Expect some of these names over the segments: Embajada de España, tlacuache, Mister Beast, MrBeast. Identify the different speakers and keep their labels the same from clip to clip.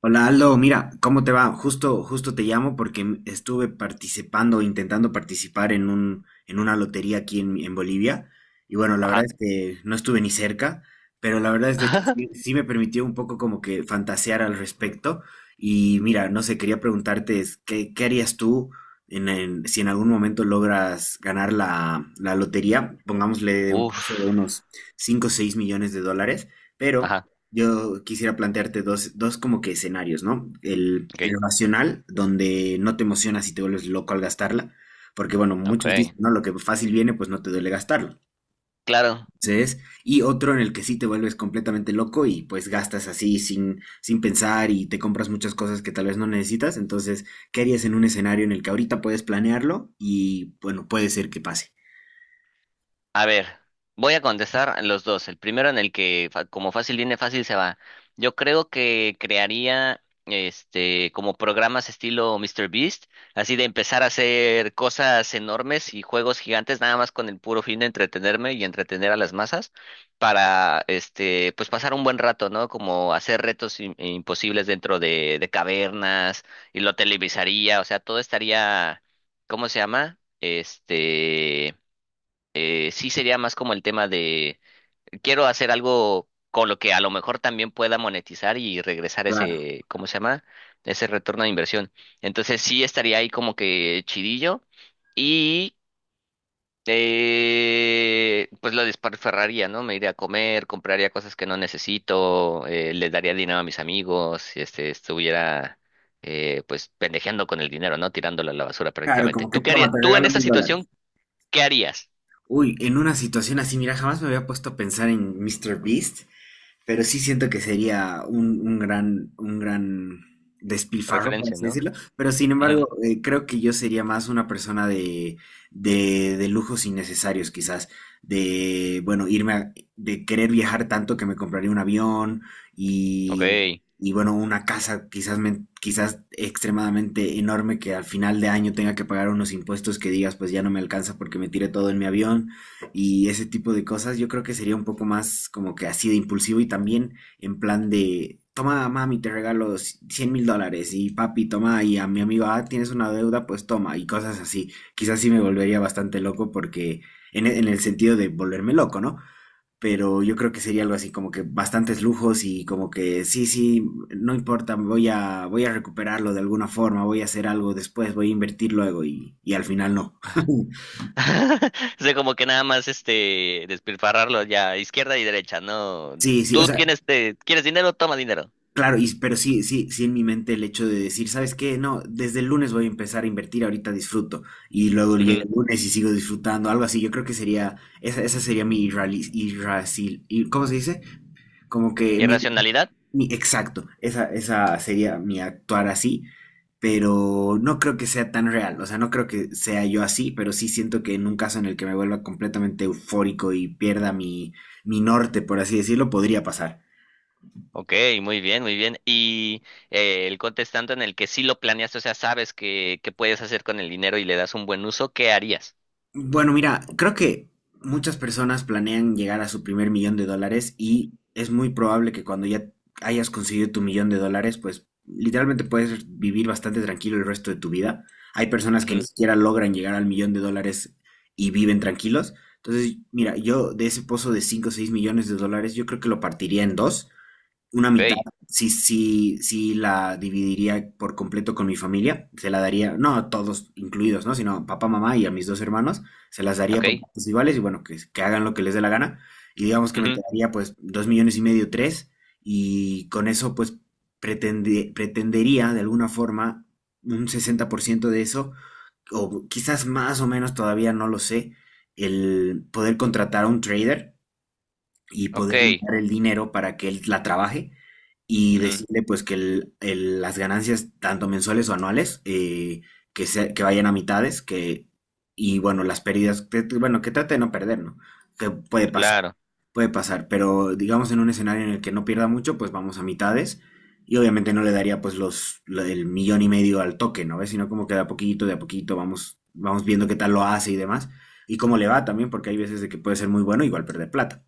Speaker 1: Hola Aldo, mira, ¿cómo te va? Justo te llamo porque estuve participando, intentando participar en en una lotería aquí en Bolivia. Y bueno, la verdad
Speaker 2: Ajá.
Speaker 1: es que no estuve ni cerca, pero la verdad es de que sí, sí me permitió un poco como que fantasear al respecto. Y mira, no sé, quería preguntarte, es, qué harías tú si en algún momento logras ganar la lotería? Pongámosle un
Speaker 2: Uf.
Speaker 1: precio de unos 5, o 6 millones de dólares, pero
Speaker 2: Ajá.
Speaker 1: yo quisiera plantearte dos como que escenarios, ¿no?
Speaker 2: Ok.
Speaker 1: El racional, donde no te emocionas y te vuelves loco al gastarla, porque bueno,
Speaker 2: Ok.
Speaker 1: muchos dicen, ¿no? Lo que fácil viene, pues no te duele gastarlo.
Speaker 2: Claro.
Speaker 1: Entonces, y otro en el que sí te vuelves completamente loco y pues gastas así sin pensar y te compras muchas cosas que tal vez no necesitas. Entonces, ¿qué harías en un escenario en el que ahorita puedes planearlo y bueno, puede ser que pase?
Speaker 2: A ver, voy a contestar los dos. El primero en el que, como fácil viene, fácil se va. Yo creo que crearía, como programas estilo Mister Beast, así de empezar a hacer cosas enormes y juegos gigantes, nada más con el puro fin de entretenerme y entretener a las masas, para, pues pasar un buen rato, ¿no? Como hacer retos imposibles dentro de cavernas y lo televisaría, o sea, todo estaría, ¿cómo se llama? Sí sería más como el tema de quiero hacer algo con lo que a lo mejor también pueda monetizar y regresar
Speaker 1: Claro,
Speaker 2: ese, ¿cómo se llama? Ese retorno de inversión. Entonces sí estaría ahí como que chidillo y pues lo desparferraría, ¿no? Me iría a comer, compraría cosas que no necesito, le daría dinero a mis amigos, si estuviera. Pues pendejeando con el dinero, ¿no? Tirándolo a la basura
Speaker 1: claro,
Speaker 2: prácticamente.
Speaker 1: como que
Speaker 2: ¿Tú qué harías?
Speaker 1: toma, te
Speaker 2: Tú en
Speaker 1: regalo
Speaker 2: esa
Speaker 1: mil dólares.
Speaker 2: situación, ¿qué harías?
Speaker 1: Uy, en una situación así, mira, jamás me había puesto a pensar en Mr. Beast. Pero sí siento que sería un gran despilfarro, por
Speaker 2: Referencia,
Speaker 1: así
Speaker 2: ¿no?
Speaker 1: decirlo. Pero sin
Speaker 2: Ujú.
Speaker 1: embargo, creo que yo sería más una persona de lujos innecesarios, quizás. De, bueno, de querer viajar tanto que me compraría un avión
Speaker 2: Ok.
Speaker 1: y, y bueno, una casa quizás, quizás extremadamente enorme que al final de año tenga que pagar unos impuestos que digas, pues ya no me alcanza porque me tiré todo en mi avión y ese tipo de cosas, yo creo que sería un poco más como que así de impulsivo y también en plan de, toma mami, te regalo 100 mil dólares y papi, toma y a mi amigo, ah, tienes una deuda, pues toma y cosas así. Quizás sí me volvería bastante loco porque en el sentido de volverme loco, ¿no? Pero yo creo que sería algo así como que bastantes lujos y como que sí, no importa, voy a recuperarlo de alguna forma, voy a hacer algo después, voy a invertir luego y al final no.
Speaker 2: Ajá. O sea, como que nada más despilfarrarlo ya izquierda y derecha, ¿no?
Speaker 1: Sí, sí, o
Speaker 2: Tú
Speaker 1: sea,
Speaker 2: quieres dinero, toma dinero.
Speaker 1: claro, y, pero sí en mi mente el hecho de decir, ¿sabes qué? No, desde el lunes voy a empezar a invertir, ahorita disfruto, y luego
Speaker 2: Ujú.
Speaker 1: llega el lunes y sigo disfrutando, algo así, yo creo que sería, esa sería mi ¿cómo se dice? Como que
Speaker 2: ¿Irracionalidad?
Speaker 1: exacto, esa sería mi actuar así, pero no creo que sea tan real, o sea, no creo que sea yo así, pero sí siento que en un caso en el que me vuelva completamente eufórico y pierda mi norte, por así decirlo, podría pasar.
Speaker 2: Ok, muy bien, muy bien. Y el contestante en el que sí lo planeaste, o sea, sabes que, puedes hacer con el dinero y le das un buen uso, ¿qué harías?
Speaker 1: Bueno, mira, creo que muchas personas planean llegar a su primer millón de dólares y es muy probable que cuando ya hayas conseguido tu millón de dólares, pues literalmente puedes vivir bastante tranquilo el resto de tu vida. Hay personas que ni
Speaker 2: Ujú.
Speaker 1: siquiera logran llegar al millón de dólares y viven tranquilos. Entonces, mira, yo de ese pozo de 5, o 6 millones de dólares, yo creo que lo partiría en dos una mitad,
Speaker 2: Ok.
Speaker 1: sí la dividiría por completo con mi familia, se la daría, no a todos incluidos, ¿no? Sino papá, mamá y a mis dos hermanos, se las daría por
Speaker 2: Ok.
Speaker 1: partes iguales y bueno, que hagan lo que les dé la gana. Y digamos que me
Speaker 2: Ujú.
Speaker 1: quedaría pues dos millones y medio, tres, y con eso pues pretendería de alguna forma un 60% de eso, o quizás más o menos, todavía no lo sé, el poder contratar a un trader y
Speaker 2: Ok.
Speaker 1: poderle dar el dinero para que él la trabaje y
Speaker 2: Ujú.
Speaker 1: decirle pues que las ganancias, tanto mensuales o anuales, que vayan a mitades, que, y bueno, las pérdidas, que, bueno, que trate de no perder, ¿no? Que
Speaker 2: Claro,
Speaker 1: puede pasar, pero digamos en un escenario en el que no pierda mucho, pues vamos a mitades. Y obviamente no le daría pues el millón y medio al toque, ¿no ves? Sino como que de a poquito vamos, vamos viendo qué tal lo hace y demás. Y cómo le va también, porque hay veces de que puede ser muy bueno, igual perder plata.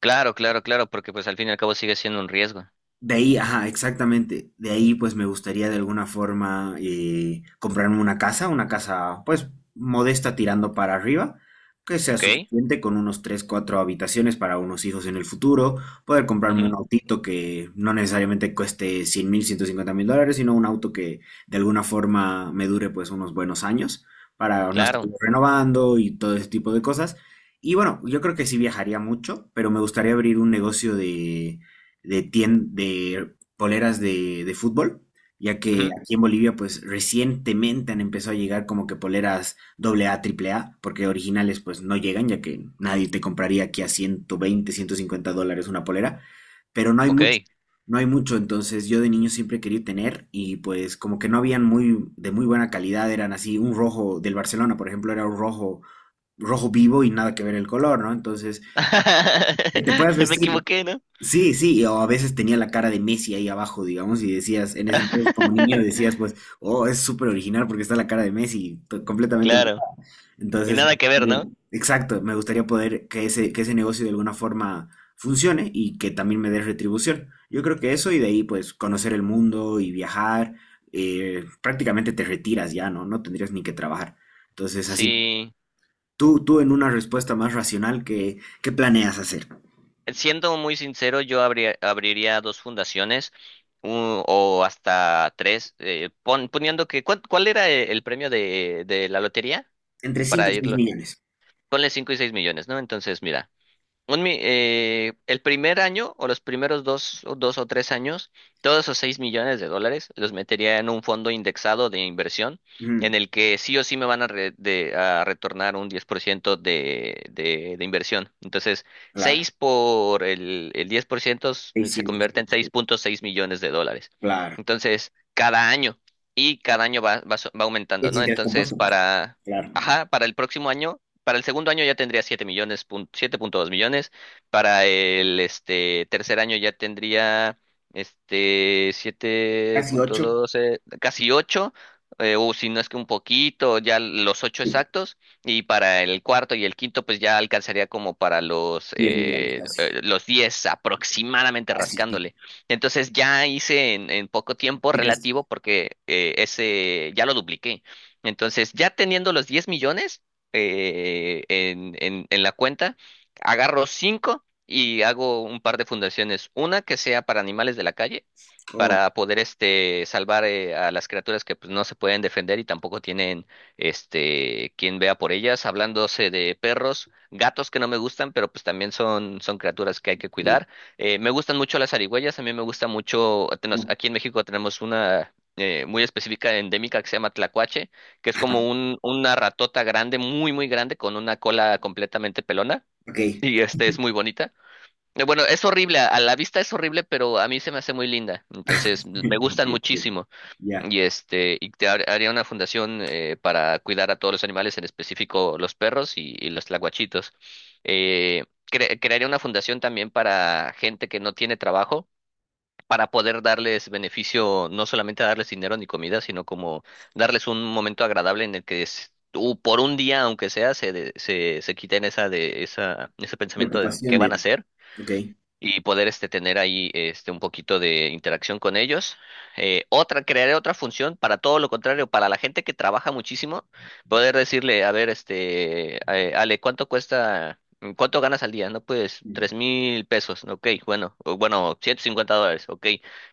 Speaker 2: claro, claro, claro, porque pues al fin y al cabo sigue siendo un riesgo.
Speaker 1: De ahí, ajá, exactamente. De ahí, pues me gustaría de alguna forma comprarme una casa, pues, modesta tirando para arriba, que sea
Speaker 2: Ok.
Speaker 1: suficiente con unos 3 4 habitaciones para unos hijos en el futuro, poder comprarme un
Speaker 2: Ujú.
Speaker 1: autito que no necesariamente cueste 100 mil, 150 mil dólares, sino un auto que de alguna forma me dure, pues, unos buenos años para no estar
Speaker 2: Claro.
Speaker 1: renovando y todo ese tipo de cosas. Y bueno, yo creo que sí viajaría mucho, pero me gustaría abrir un negocio de poleras de fútbol, ya que
Speaker 2: Ujú.
Speaker 1: aquí en Bolivia pues recientemente han empezado a llegar como que poleras doble A triple A porque originales pues no llegan, ya que nadie te compraría aquí a 120, $150 una polera, pero no hay
Speaker 2: Ok.
Speaker 1: mucho. No hay mucho, entonces yo de niño siempre quería tener y pues como que no habían muy de muy buena calidad, eran así un rojo del Barcelona, por ejemplo, era un rojo vivo y nada que ver el color, ¿no? Entonces, que te puedas
Speaker 2: Me
Speaker 1: vestir.
Speaker 2: equivoqué, ¿no?
Speaker 1: Sí, sí, o a veces tenía la cara de Messi ahí abajo, digamos, y decías, en ese entonces como niño decías, pues, oh, es súper original porque está la cara de Messi, completamente.
Speaker 2: Claro. Y
Speaker 1: Entonces,
Speaker 2: nada que ver, ¿no?
Speaker 1: exacto, me gustaría poder que ese negocio de alguna forma funcione y que también me dé retribución. Yo creo que eso y de ahí, pues, conocer el mundo y viajar, prácticamente te retiras ya, ¿no? No tendrías ni que trabajar. Entonces, así,
Speaker 2: Sí.
Speaker 1: tú en una respuesta más racional, qué planeas hacer?
Speaker 2: Siendo muy sincero, yo abriría dos fundaciones, u- o hasta tres, poniendo que, ¿¿cuál era el premio de la lotería?
Speaker 1: Entre 5
Speaker 2: Para
Speaker 1: y 6
Speaker 2: irlo.
Speaker 1: millones.
Speaker 2: Ponle 5 y 6 millones, ¿no? Entonces, mira. El primer año o los primeros dos, o 2 o 3 años, todos esos 6 millones de dólares los metería en un fondo indexado de inversión en
Speaker 1: Ujú,
Speaker 2: el que sí o sí me van a retornar un 10% de inversión. Entonces,
Speaker 1: claro.
Speaker 2: 6 por el 10% se
Speaker 1: Seiscientos.
Speaker 2: convierte en 6,6 millones de dólares.
Speaker 1: Claro.
Speaker 2: Entonces, cada año y cada año va aumentando,
Speaker 1: Es
Speaker 2: ¿no?
Speaker 1: interés
Speaker 2: Entonces,
Speaker 1: compuesto, pues.
Speaker 2: para,
Speaker 1: Claro.
Speaker 2: ajá, para el próximo año, para el segundo año ya tendría 7 millones, 7,2 millones. Para el tercer año ya tendría,
Speaker 1: Casi 8,
Speaker 2: 7,2, casi 8, o si no es que un poquito, ya los 8 exactos. Y para el cuarto y el quinto, pues ya alcanzaría como para los,
Speaker 1: 10 millones
Speaker 2: eh,
Speaker 1: casi.
Speaker 2: eh, los 10 aproximadamente
Speaker 1: Casi, sí,
Speaker 2: rascándole. Entonces ya hice en, poco tiempo
Speaker 1: sí, casi.
Speaker 2: relativo porque ese ya lo dupliqué. Entonces, ya teniendo los 10 millones, en la cuenta, agarro cinco y hago un par de fundaciones. Una que sea para animales de la calle,
Speaker 1: Oh,
Speaker 2: para poder salvar a las criaturas que pues, no se pueden defender y tampoco tienen, quien vea por ellas. Hablándose de perros, gatos que no me gustan, pero pues también son, criaturas que hay que
Speaker 1: sí.
Speaker 2: cuidar. Me gustan mucho las zarigüeyas, a mí me gusta mucho.
Speaker 1: Oh,
Speaker 2: Aquí en México tenemos una, muy específica endémica que se llama tlacuache, que es como una ratota grande, muy, muy grande, con una cola completamente pelona.
Speaker 1: ok.
Speaker 2: Y es muy bonita. Bueno, es horrible, a la vista es horrible, pero a mí se me hace muy linda. Entonces, me gustan
Speaker 1: Ok, ok.
Speaker 2: muchísimo.
Speaker 1: Ya.
Speaker 2: Y haría una fundación para cuidar a todos los animales, en específico los perros y los tlacuachitos. Eh, crearía una fundación también para gente que no tiene trabajo para poder darles beneficio, no solamente darles dinero ni comida, sino como darles un momento agradable en el que por un día, aunque sea, se quiten ese pensamiento de
Speaker 1: Preocupación,
Speaker 2: qué van a
Speaker 1: digamos.
Speaker 2: hacer
Speaker 1: Ok.
Speaker 2: y poder tener ahí un poquito de interacción con ellos. Crearé otra función para todo lo contrario, para la gente que trabaja muchísimo, poder decirle, a ver, Ale, ¿cuánto cuesta? ¿Cuánto ganas al día? No, pues 3.000 pesos, ok, bueno, o bueno, $150, ok,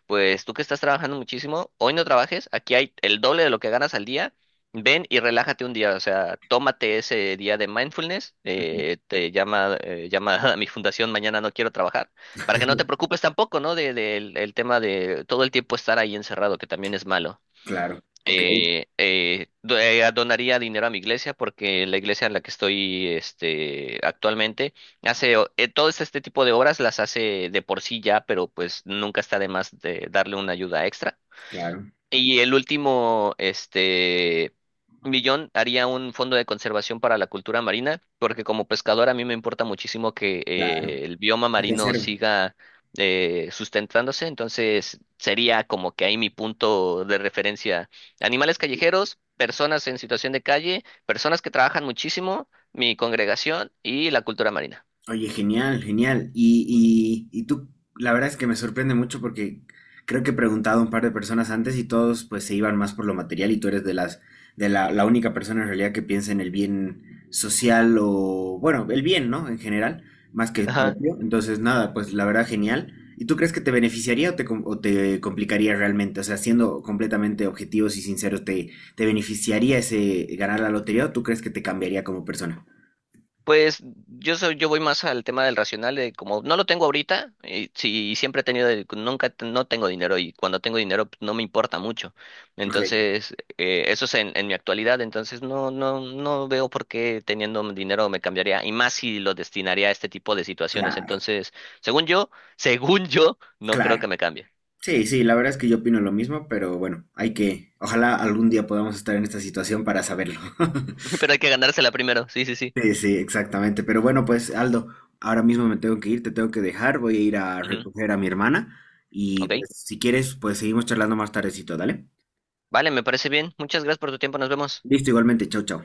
Speaker 2: pues tú que estás trabajando muchísimo, hoy no trabajes, aquí hay el doble de lo que ganas al día, ven y relájate un día, o sea, tómate ese día de mindfulness,
Speaker 1: Ujú.
Speaker 2: llama a mi fundación, mañana no quiero trabajar, para que no te preocupes tampoco, ¿no? El tema de todo el tiempo estar ahí encerrado, que también es malo.
Speaker 1: Claro. Ok,
Speaker 2: Donaría dinero a mi iglesia porque la iglesia en la que estoy, actualmente hace, todo este tipo de obras las hace de por sí ya, pero pues nunca está de más de darle una ayuda extra.
Speaker 1: claro.
Speaker 2: Y el último, millón haría un fondo de conservación para la cultura marina, porque como pescador a mí me importa muchísimo que
Speaker 1: Claro.
Speaker 2: el bioma
Speaker 1: Que se
Speaker 2: marino
Speaker 1: conserve.
Speaker 2: siga sustentándose, entonces sería como que ahí mi punto de referencia. Animales callejeros, personas en situación de calle, personas que trabajan muchísimo, mi congregación y la cultura marina.
Speaker 1: Oye, genial, genial. Y tú, la verdad es que me sorprende mucho porque creo que he preguntado a un par de personas antes y todos pues se iban más por lo material y tú eres de la única persona en realidad que piensa en el bien social o, bueno, el bien, ¿no? En general, más que el propio. Entonces, nada, pues la verdad, genial. ¿Y tú crees que te beneficiaría o o te complicaría realmente? O sea, siendo completamente objetivos y sinceros, te beneficiaría ese ganar la lotería o tú crees que te cambiaría como persona?
Speaker 2: Pues yo voy más al tema del racional, de como no lo tengo ahorita, y si siempre he tenido, el- nunca te- no tengo dinero y cuando tengo dinero pues, no me importa mucho.
Speaker 1: Ok,
Speaker 2: Entonces, eso es en, mi actualidad, entonces no veo por qué teniendo dinero me cambiaría, y más si lo destinaría a este tipo de situaciones.
Speaker 1: claro,
Speaker 2: Entonces, según yo, según yo, no creo que
Speaker 1: claro.
Speaker 2: me cambie.
Speaker 1: Sí, sí, la verdad es que yo opino lo mismo, pero bueno, hay que, ojalá algún día podamos estar en esta situación para saberlo.
Speaker 2: Pero hay que ganársela primero, sí, sí, sí.
Speaker 1: Sí, sí, exactamente. Pero bueno, pues Aldo, ahora mismo me tengo que ir, te tengo que dejar, voy a ir a
Speaker 2: Ujú.
Speaker 1: recoger a mi hermana y
Speaker 2: Ok,
Speaker 1: pues si quieres, pues seguimos charlando más tardecito, ¿dale?
Speaker 2: vale, me parece bien. Muchas gracias por tu tiempo, nos vemos.
Speaker 1: Listo, igualmente, chau, chau.